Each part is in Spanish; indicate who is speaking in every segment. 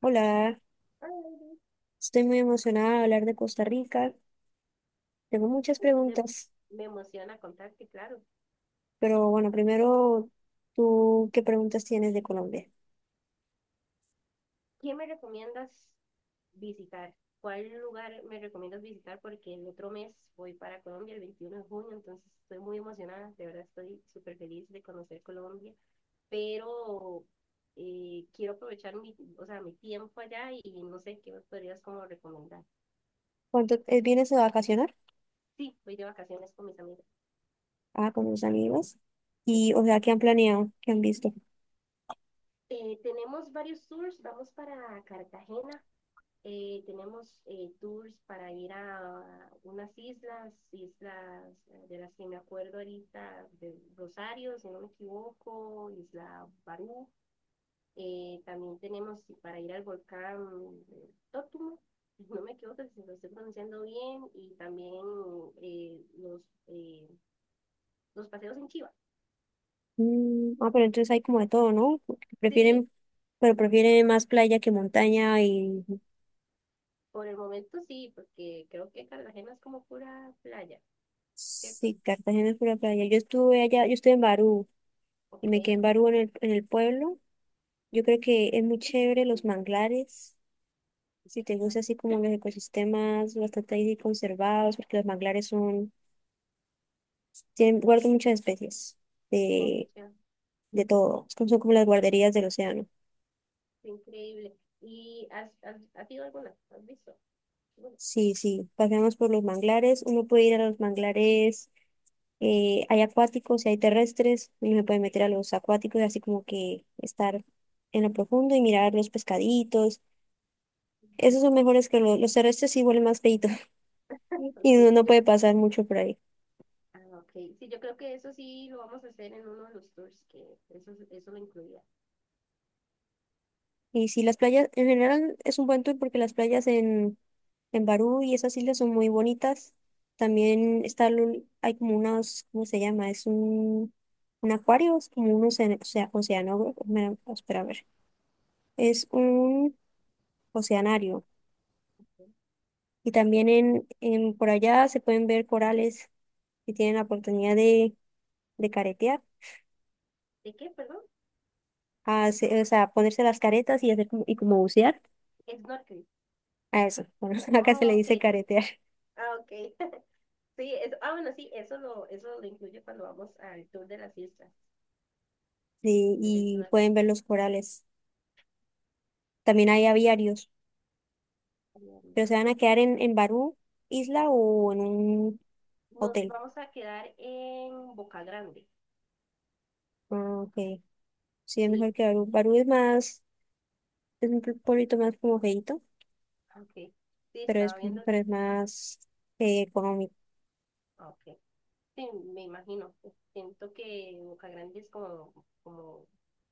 Speaker 1: Hola,
Speaker 2: Ay,
Speaker 1: estoy muy emocionada de hablar de Costa Rica. Tengo muchas
Speaker 2: Me,
Speaker 1: preguntas,
Speaker 2: me emociona contarte, claro.
Speaker 1: pero bueno, primero, ¿tú qué preguntas tienes de Colombia?
Speaker 2: ¿Qué me recomiendas visitar? ¿Cuál lugar me recomiendas visitar? Porque el otro mes voy para Colombia, el 21 de junio, entonces estoy muy emocionada, de verdad estoy súper feliz de conocer Colombia, pero quiero aprovechar mi, o sea, mi tiempo allá y no sé qué me podrías como recomendar.
Speaker 1: ¿Cuánto vienes a vacacionar?
Speaker 2: Sí, voy de vacaciones con mis amigas.
Speaker 1: Ah, con tus amigos.
Speaker 2: Sí.
Speaker 1: Y, o sea, ¿qué han planeado? ¿Qué han visto?
Speaker 2: Tenemos varios tours, vamos para Cartagena. Tenemos tours para ir a unas islas, islas de las que me acuerdo ahorita, de Rosario, si no me equivoco, Isla Barú. También tenemos para ir al volcán Tótumo, si no me equivoco si lo estoy pronunciando bien, y también eh, los, eh, los paseos en Chiva.
Speaker 1: Mm, ah, pero entonces hay como de todo, ¿no?
Speaker 2: Sí,
Speaker 1: Prefieren, prefieren más playa que montaña y
Speaker 2: por el momento sí, porque creo que Cartagena es como pura playa, ¿cierto?
Speaker 1: sí, Cartagena es pura playa. Yo estuve allá, yo estuve en Barú y
Speaker 2: Ok,
Speaker 1: me quedé en
Speaker 2: y
Speaker 1: Barú en el pueblo. Yo creo que es muy chévere los manglares. Si te
Speaker 2: Chiva,
Speaker 1: gusta así como los ecosistemas bastante ahí conservados, porque los manglares son, tienen, guardan muchas especies
Speaker 2: ok,
Speaker 1: de,
Speaker 2: Chiva.
Speaker 1: de todo. Es como- son como las guarderías del océano.
Speaker 2: Increíble. ¿Y has ido alguna? ¿Has visto? Bueno,
Speaker 1: Sí, sí, paseamos por los manglares. Uno puede ir a los manglares, hay acuáticos y hay terrestres. Uno se puede meter a los acuáticos, así como que estar en lo profundo y mirar los pescaditos. Esos son mejores que los terrestres, sí huelen más feitos y
Speaker 2: ok,
Speaker 1: uno no
Speaker 2: yo,
Speaker 1: puede pasar mucho por ahí.
Speaker 2: ah, ok. Sí, yo creo que eso sí lo vamos a hacer en uno de los tours, que eso lo incluía.
Speaker 1: Y sí, las playas en general es un buen tour porque las playas en Barú y esas islas son muy bonitas. También está, el- hay como unos, ¿cómo se llama? Es un acuario, es como un océano, océano, espera a ver. Es un oceanario. Y también en por allá se pueden ver corales y tienen la oportunidad de caretear,
Speaker 2: ¿De qué, perdón?
Speaker 1: hace- o sea, ponerse las caretas y hacer como, y como bucear.
Speaker 2: Snorkel.
Speaker 1: A eso, bueno, acá se le
Speaker 2: Ah,
Speaker 1: dice
Speaker 2: ok.
Speaker 1: caretear.
Speaker 2: Ah, ok. Sí, eso, ah, bueno, sí, eso lo incluye cuando vamos al tour de las islas.
Speaker 1: Sí,
Speaker 2: Del
Speaker 1: y
Speaker 2: snorkel.
Speaker 1: pueden ver los corales. También hay aviarios,
Speaker 2: Vamos.
Speaker 1: pero se van a quedar en Barú, isla o en un
Speaker 2: Nos
Speaker 1: hotel.
Speaker 2: vamos a quedar en Boca Grande.
Speaker 1: Ah, ok. Sí, es
Speaker 2: Sí,
Speaker 1: mejor que Barú. Barú es más, es un pueblito más como feíto,
Speaker 2: ok. Sí,
Speaker 1: pero es,
Speaker 2: estaba viendo.
Speaker 1: pero es más económico.
Speaker 2: Ok. Sí, me imagino. Pues, siento que Boca Grande es como, como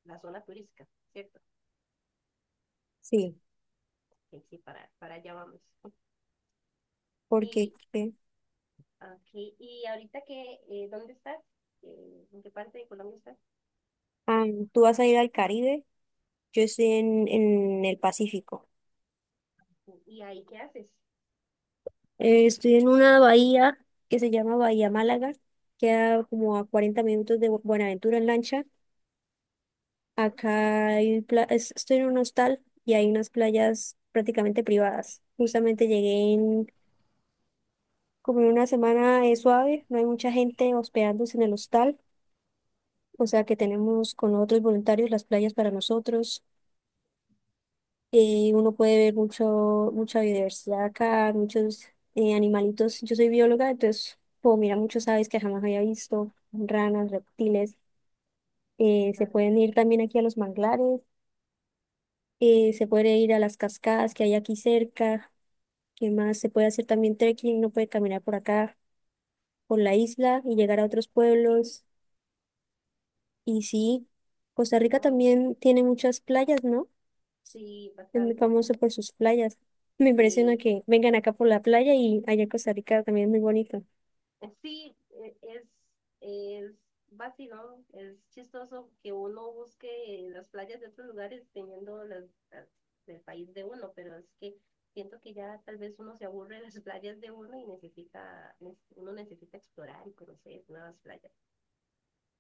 Speaker 2: la zona turística, ¿cierto?
Speaker 1: Sí,
Speaker 2: Sí, sí, para allá vamos.
Speaker 1: porque
Speaker 2: Y,
Speaker 1: ¿qué?
Speaker 2: aquí, y ahorita que, ¿dónde estás? ¿En qué parte de Colombia estás?
Speaker 1: Ah, tú vas a ir al Caribe, yo estoy en el Pacífico.
Speaker 2: ¿Y ahí qué haces?
Speaker 1: Estoy en una bahía que se llama Bahía Málaga, queda como a 40 minutos de Bu- Buenaventura en lancha. Acá hay pla- es- estoy en un hostal y hay unas playas prácticamente privadas. Justamente llegué en como en una semana suave, no hay mucha gente hospedándose en el hostal, o sea que tenemos con otros voluntarios las playas para nosotros. Uno puede ver mucho, mucha biodiversidad acá, muchos animalitos. Yo soy bióloga, entonces puedo mirar muchos aves que jamás había visto, ranas, reptiles. Se
Speaker 2: Carga.
Speaker 1: pueden ir también aquí a los manglares, se puede ir a las cascadas que hay aquí cerca. ¿Qué más? Se puede hacer también trekking, uno puede caminar por acá, por la isla y llegar a otros pueblos. Y sí, Costa Rica
Speaker 2: Wow.
Speaker 1: también tiene muchas playas, ¿no?
Speaker 2: Sí,
Speaker 1: Es muy
Speaker 2: bastante.
Speaker 1: famoso por sus playas. Me impresiona
Speaker 2: Sí.
Speaker 1: que vengan acá por la playa y allá en Costa Rica también es muy bonito.
Speaker 2: eh, sí, eh, es, es vacilón, es chistoso que uno busque las playas de otros lugares teniendo las del país de uno, pero es que siento que ya tal vez uno se aburre de las playas de uno y necesita, uno necesita explorar y conocer nuevas playas.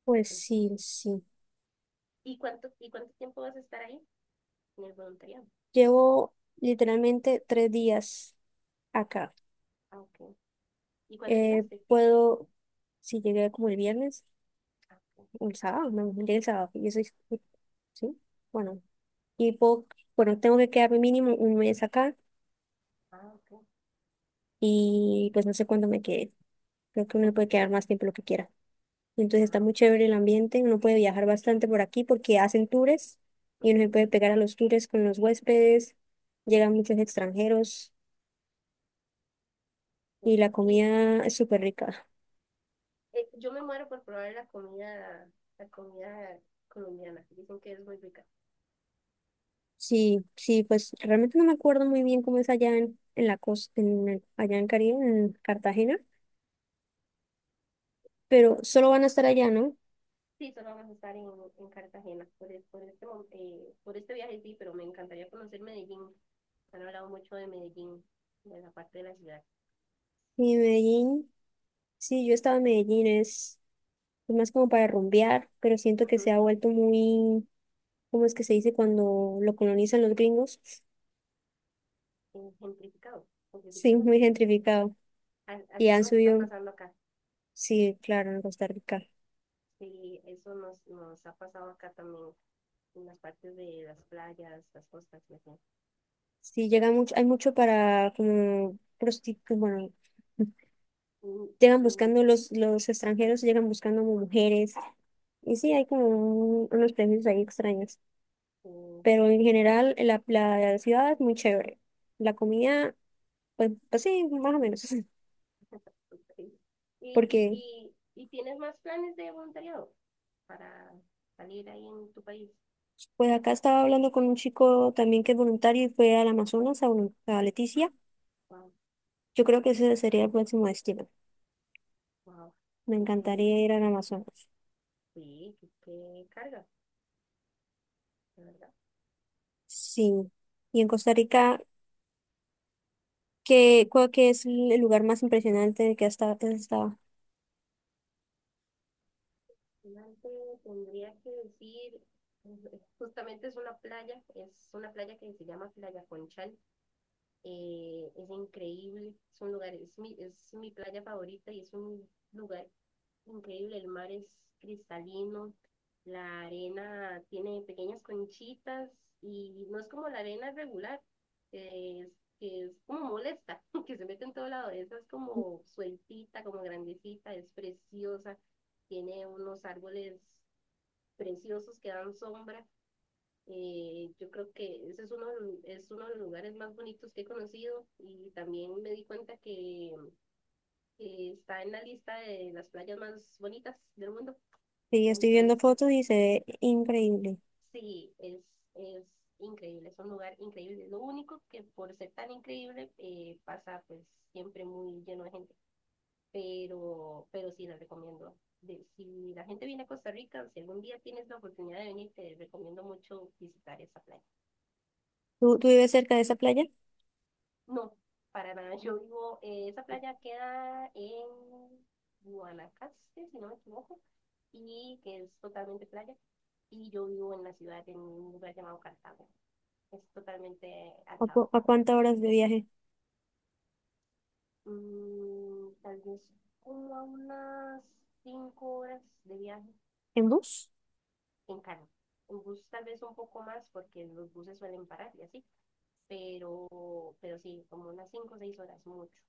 Speaker 1: Pues
Speaker 2: Entonces,
Speaker 1: sí, sí.
Speaker 2: ¿y cuánto tiempo vas a estar ahí en el voluntariado?
Speaker 1: Llevo literalmente 3 días acá.
Speaker 2: Ah, ok. ¿Y cuándo
Speaker 1: Eh,
Speaker 2: llegaste?
Speaker 1: puedo, si llegué como el viernes
Speaker 2: Ah, ok.
Speaker 1: o el sábado, no, llegué el sábado. Yo soy, sí, bueno. Y tengo que quedarme mínimo 1 mes acá.
Speaker 2: Ah, ok.
Speaker 1: Y pues no sé cuándo me quede. Creo que uno puede quedar más tiempo lo que quiera. Entonces está
Speaker 2: Ah,
Speaker 1: muy
Speaker 2: ok.
Speaker 1: chévere el ambiente, uno puede viajar bastante por aquí porque hacen tours y uno se
Speaker 2: Ujú.
Speaker 1: puede pegar a los tours con los huéspedes, llegan muchos extranjeros y
Speaker 2: Sí.
Speaker 1: la
Speaker 2: ¿Y,
Speaker 1: comida es súper rica.
Speaker 2: yo me muero por probar la comida colombiana. Que dicen que es muy rica.
Speaker 1: Sí, sí, pues realmente no me acuerdo muy bien cómo es allá en la costa, en, el- allá en Caribe, en Cartagena, pero solo van a estar allá, ¿no?
Speaker 2: Sí, solo vamos a estar en Cartagena por, por este, por este viaje, sí, pero me encantaría conocer Medellín. Han hablado mucho de Medellín, de la parte de la ciudad.
Speaker 1: Y en Medellín, sí, yo estaba en Medellín, es más como para rumbear, pero siento que
Speaker 2: Ujú.
Speaker 1: se ha vuelto muy, ¿cómo es que se dice cuando lo colonizan los gringos?
Speaker 2: Gentrificado,
Speaker 1: Sí,
Speaker 2: gentrificación.
Speaker 1: muy gentrificado. Y
Speaker 2: Aquí
Speaker 1: han
Speaker 2: nos está
Speaker 1: subido,
Speaker 2: pasando acá.
Speaker 1: sí, claro, en Costa Rica.
Speaker 2: Sí, eso nos ha pasado acá también, en las partes de las playas, las costas y así.
Speaker 1: Sí, llega mucho, hay mucho para como prostitutas, bueno,
Speaker 2: Mm,
Speaker 1: llegan
Speaker 2: mm,
Speaker 1: buscando los
Speaker 2: ajá.
Speaker 1: extranjeros, llegan buscando como mujeres. Y sí, hay como un- unos premios ahí extraños.
Speaker 2: eh,
Speaker 1: Pero en general, la ciudad es muy chévere. La comida, pues, pues sí, más o menos.
Speaker 2: Ok. ¿Y,
Speaker 1: Porque
Speaker 2: y tienes más planes de voluntariado para salir ahí en tu país?
Speaker 1: pues acá estaba hablando con un chico también que es voluntario y fue al Amazonas, a, volun- a
Speaker 2: Ah,
Speaker 1: Leticia.
Speaker 2: wow,
Speaker 1: Yo creo que ese sería el próximo destino.
Speaker 2: wow.
Speaker 1: Me
Speaker 2: Increíble.
Speaker 1: encantaría ir al Amazonas.
Speaker 2: Sí, qué, qué carga, la verdad.
Speaker 1: Sí. Y en Costa Rica, ¿qué, cuál que es el lugar más impresionante que hasta has estado?
Speaker 2: Adelante tendría que decir, justamente es una playa que se llama Playa Conchal. Es increíble, es un lugar, es es mi playa favorita y es un lugar increíble, el mar es cristalino, la arena tiene pequeñas conchitas y no es como la arena regular, que es, que es como molesta, que se mete en todo lado. Esa es como sueltita, como grandecita, es preciosa, tiene unos árboles preciosos que dan sombra. Yo creo que ese es uno, es uno de los lugares más bonitos que he conocido y también me di cuenta que está en la lista de las playas más bonitas del mundo.
Speaker 1: Sí, estoy viendo
Speaker 2: Entonces,
Speaker 1: fotos y se ve increíble.
Speaker 2: sí, es increíble, es un lugar increíble. Lo único que por ser tan increíble pasa pues siempre muy lleno de gente, pero sí les recomiendo. Si la gente viene a Costa Rica, si algún día tienes la oportunidad de venir, te recomiendo mucho visitar esa playa.
Speaker 1: ¿Tú vives cerca de esa playa?
Speaker 2: No, para nada, yo vivo, esa playa queda en Guanacaste, si no me equivoco, y que es totalmente playa, y yo vivo en la ciudad, en un lugar llamado Cartago. Es totalmente
Speaker 1: ¿A,
Speaker 2: alejado.
Speaker 1: cu- a cuántas horas de viaje?
Speaker 2: Mm, tal vez como a unas 5 horas de viaje
Speaker 1: ¿En bus?
Speaker 2: en carro. En bus tal vez un poco más porque los buses suelen parar y así, pero sí, como unas 5 o 6 horas, mucho.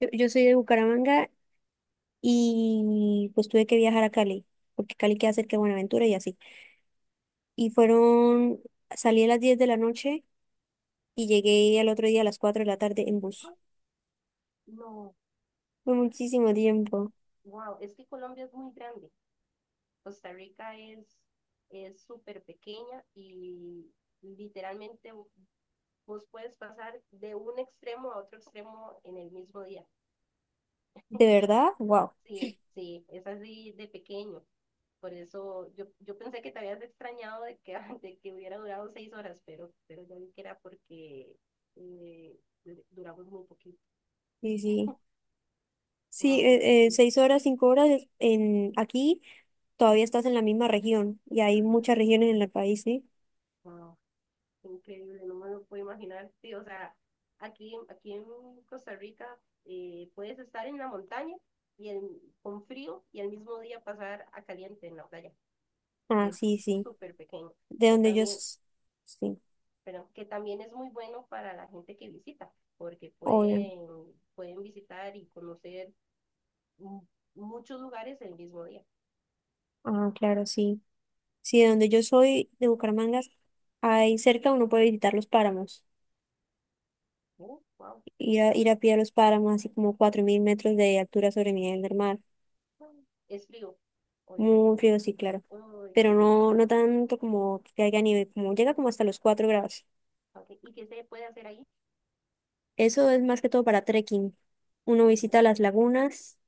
Speaker 1: Yo soy de Bucaramanga y pues tuve que viajar a Cali, porque Cali queda cerca de Buenaventura y así. Y
Speaker 2: Ah, ok.
Speaker 1: fueron, salí a las 10 de la noche y llegué al otro día a las 4 de la tarde en bus.
Speaker 2: Ah, no,
Speaker 1: Fue muchísimo tiempo.
Speaker 2: wow, es que Colombia es muy grande. Costa Rica es súper pequeña y literalmente vos puedes pasar de un extremo a otro extremo en el mismo día.
Speaker 1: ¿De verdad? Wow.
Speaker 2: Sí, sí, es así de pequeño. Por eso yo, yo pensé que te habías extrañado de que, de que hubiera durado 6 horas, pero ya vi que era porque eh, duramos muy poquito.
Speaker 1: Sí, sí. Sí,
Speaker 2: Wow, sí,
Speaker 1: 6 horas, 5 horas es- en aquí todavía estás en la misma región y hay muchas regiones en el país, ¿sí?
Speaker 2: wow, increíble, no me lo puedo imaginar. Sí, o sea, aquí, aquí en Costa Rica puedes estar en la montaña y con frío y al mismo día pasar a caliente en la playa. Y
Speaker 1: Ah,
Speaker 2: es
Speaker 1: sí, sí.
Speaker 2: súper pequeño.
Speaker 1: De donde yo,
Speaker 2: También
Speaker 1: s- sí,
Speaker 2: pero que también es muy bueno para la gente que visita, porque
Speaker 1: obvio.
Speaker 2: pueden, pueden visitar y conocer mu- muchos lugares el mismo día.
Speaker 1: Ah, claro, sí. Sí, de donde yo soy, de Bucaramanga, ahí cerca uno puede visitar los páramos,
Speaker 2: Wow.
Speaker 1: ir a pie a los páramos, así como 4.000 metros de altura sobre el nivel del mar.
Speaker 2: Es frío, obviamente.
Speaker 1: Muy frío, sí, claro.
Speaker 2: Uy,
Speaker 1: Pero
Speaker 2: qué rico.
Speaker 1: no, no tanto como que haya nieve, como llega como hasta los 4 grados.
Speaker 2: Okay. ¿Y qué se puede hacer ahí?
Speaker 1: Eso es más que todo para trekking. Uno
Speaker 2: Ok,
Speaker 1: visita las lagunas,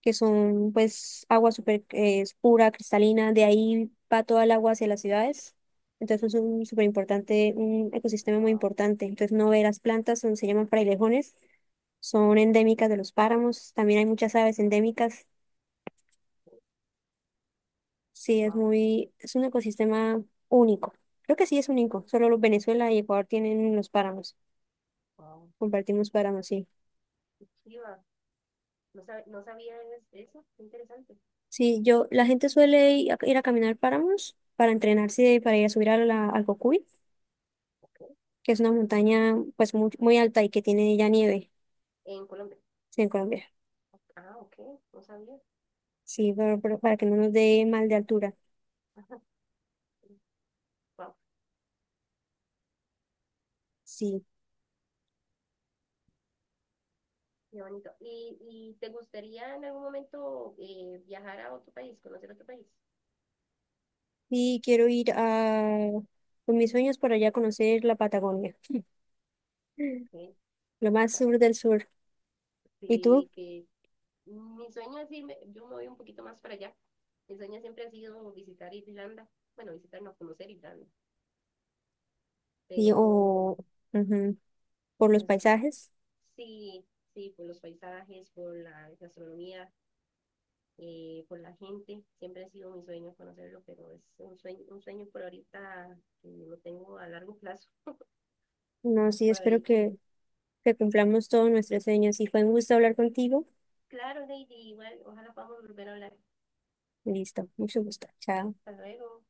Speaker 1: que son pues agua súper pura, cristalina, de ahí va toda el agua hacia las ciudades. Entonces es un súper importante, un ecosistema muy
Speaker 2: wow,
Speaker 1: importante. Entonces no ve las plantas, son- se llaman frailejones, son endémicas de los páramos, también hay muchas aves endémicas. Sí, es
Speaker 2: wow,
Speaker 1: muy, es un ecosistema único. Creo que sí es único, solo los Venezuela y Ecuador tienen los páramos.
Speaker 2: wow.
Speaker 1: Compartimos páramos, sí.
Speaker 2: Qué chiva. No, no sabía eso, qué interesante.
Speaker 1: Sí, yo, la gente suele ir a, ir a caminar páramos para entrenarse, y para ir a subir a la, al Cocuy,
Speaker 2: Okay.
Speaker 1: que es una montaña pues muy, muy alta y que tiene ya nieve,
Speaker 2: En Colombia.
Speaker 1: sí, en Colombia.
Speaker 2: Ah, ok, no sabía.
Speaker 1: Sí, pero para que no nos dé mal de altura.
Speaker 2: Wow,
Speaker 1: Sí.
Speaker 2: qué bonito. Y te gustaría en algún momento viajar a otro país, conocer otro país?
Speaker 1: Y quiero ir a, con mis sueños por allá a conocer la Patagonia,
Speaker 2: Exacto.
Speaker 1: lo más sur del sur. ¿Y
Speaker 2: Sí,
Speaker 1: tú?
Speaker 2: que mi sueño es irme, yo me voy un poquito más para allá. Mi sueño siempre ha sido visitar Irlanda. Bueno, visitar, no conocer Irlanda,
Speaker 1: Y,
Speaker 2: pero
Speaker 1: o, ujú, por los
Speaker 2: es,
Speaker 1: paisajes.
Speaker 2: sí, sí, por los paisajes, por la gastronomía, por la gente. Siempre ha sido mi sueño conocerlo, pero es un sueño por ahorita que lo tengo a largo plazo.
Speaker 1: No, sí,
Speaker 2: Por
Speaker 1: espero
Speaker 2: ahorita.
Speaker 1: que cumplamos todos nuestros sueños. Y fue un gusto hablar contigo.
Speaker 2: Claro, Lady, igual, ojalá podamos volver a hablar.
Speaker 1: Listo, mucho gusto. Chao.
Speaker 2: Hasta luego.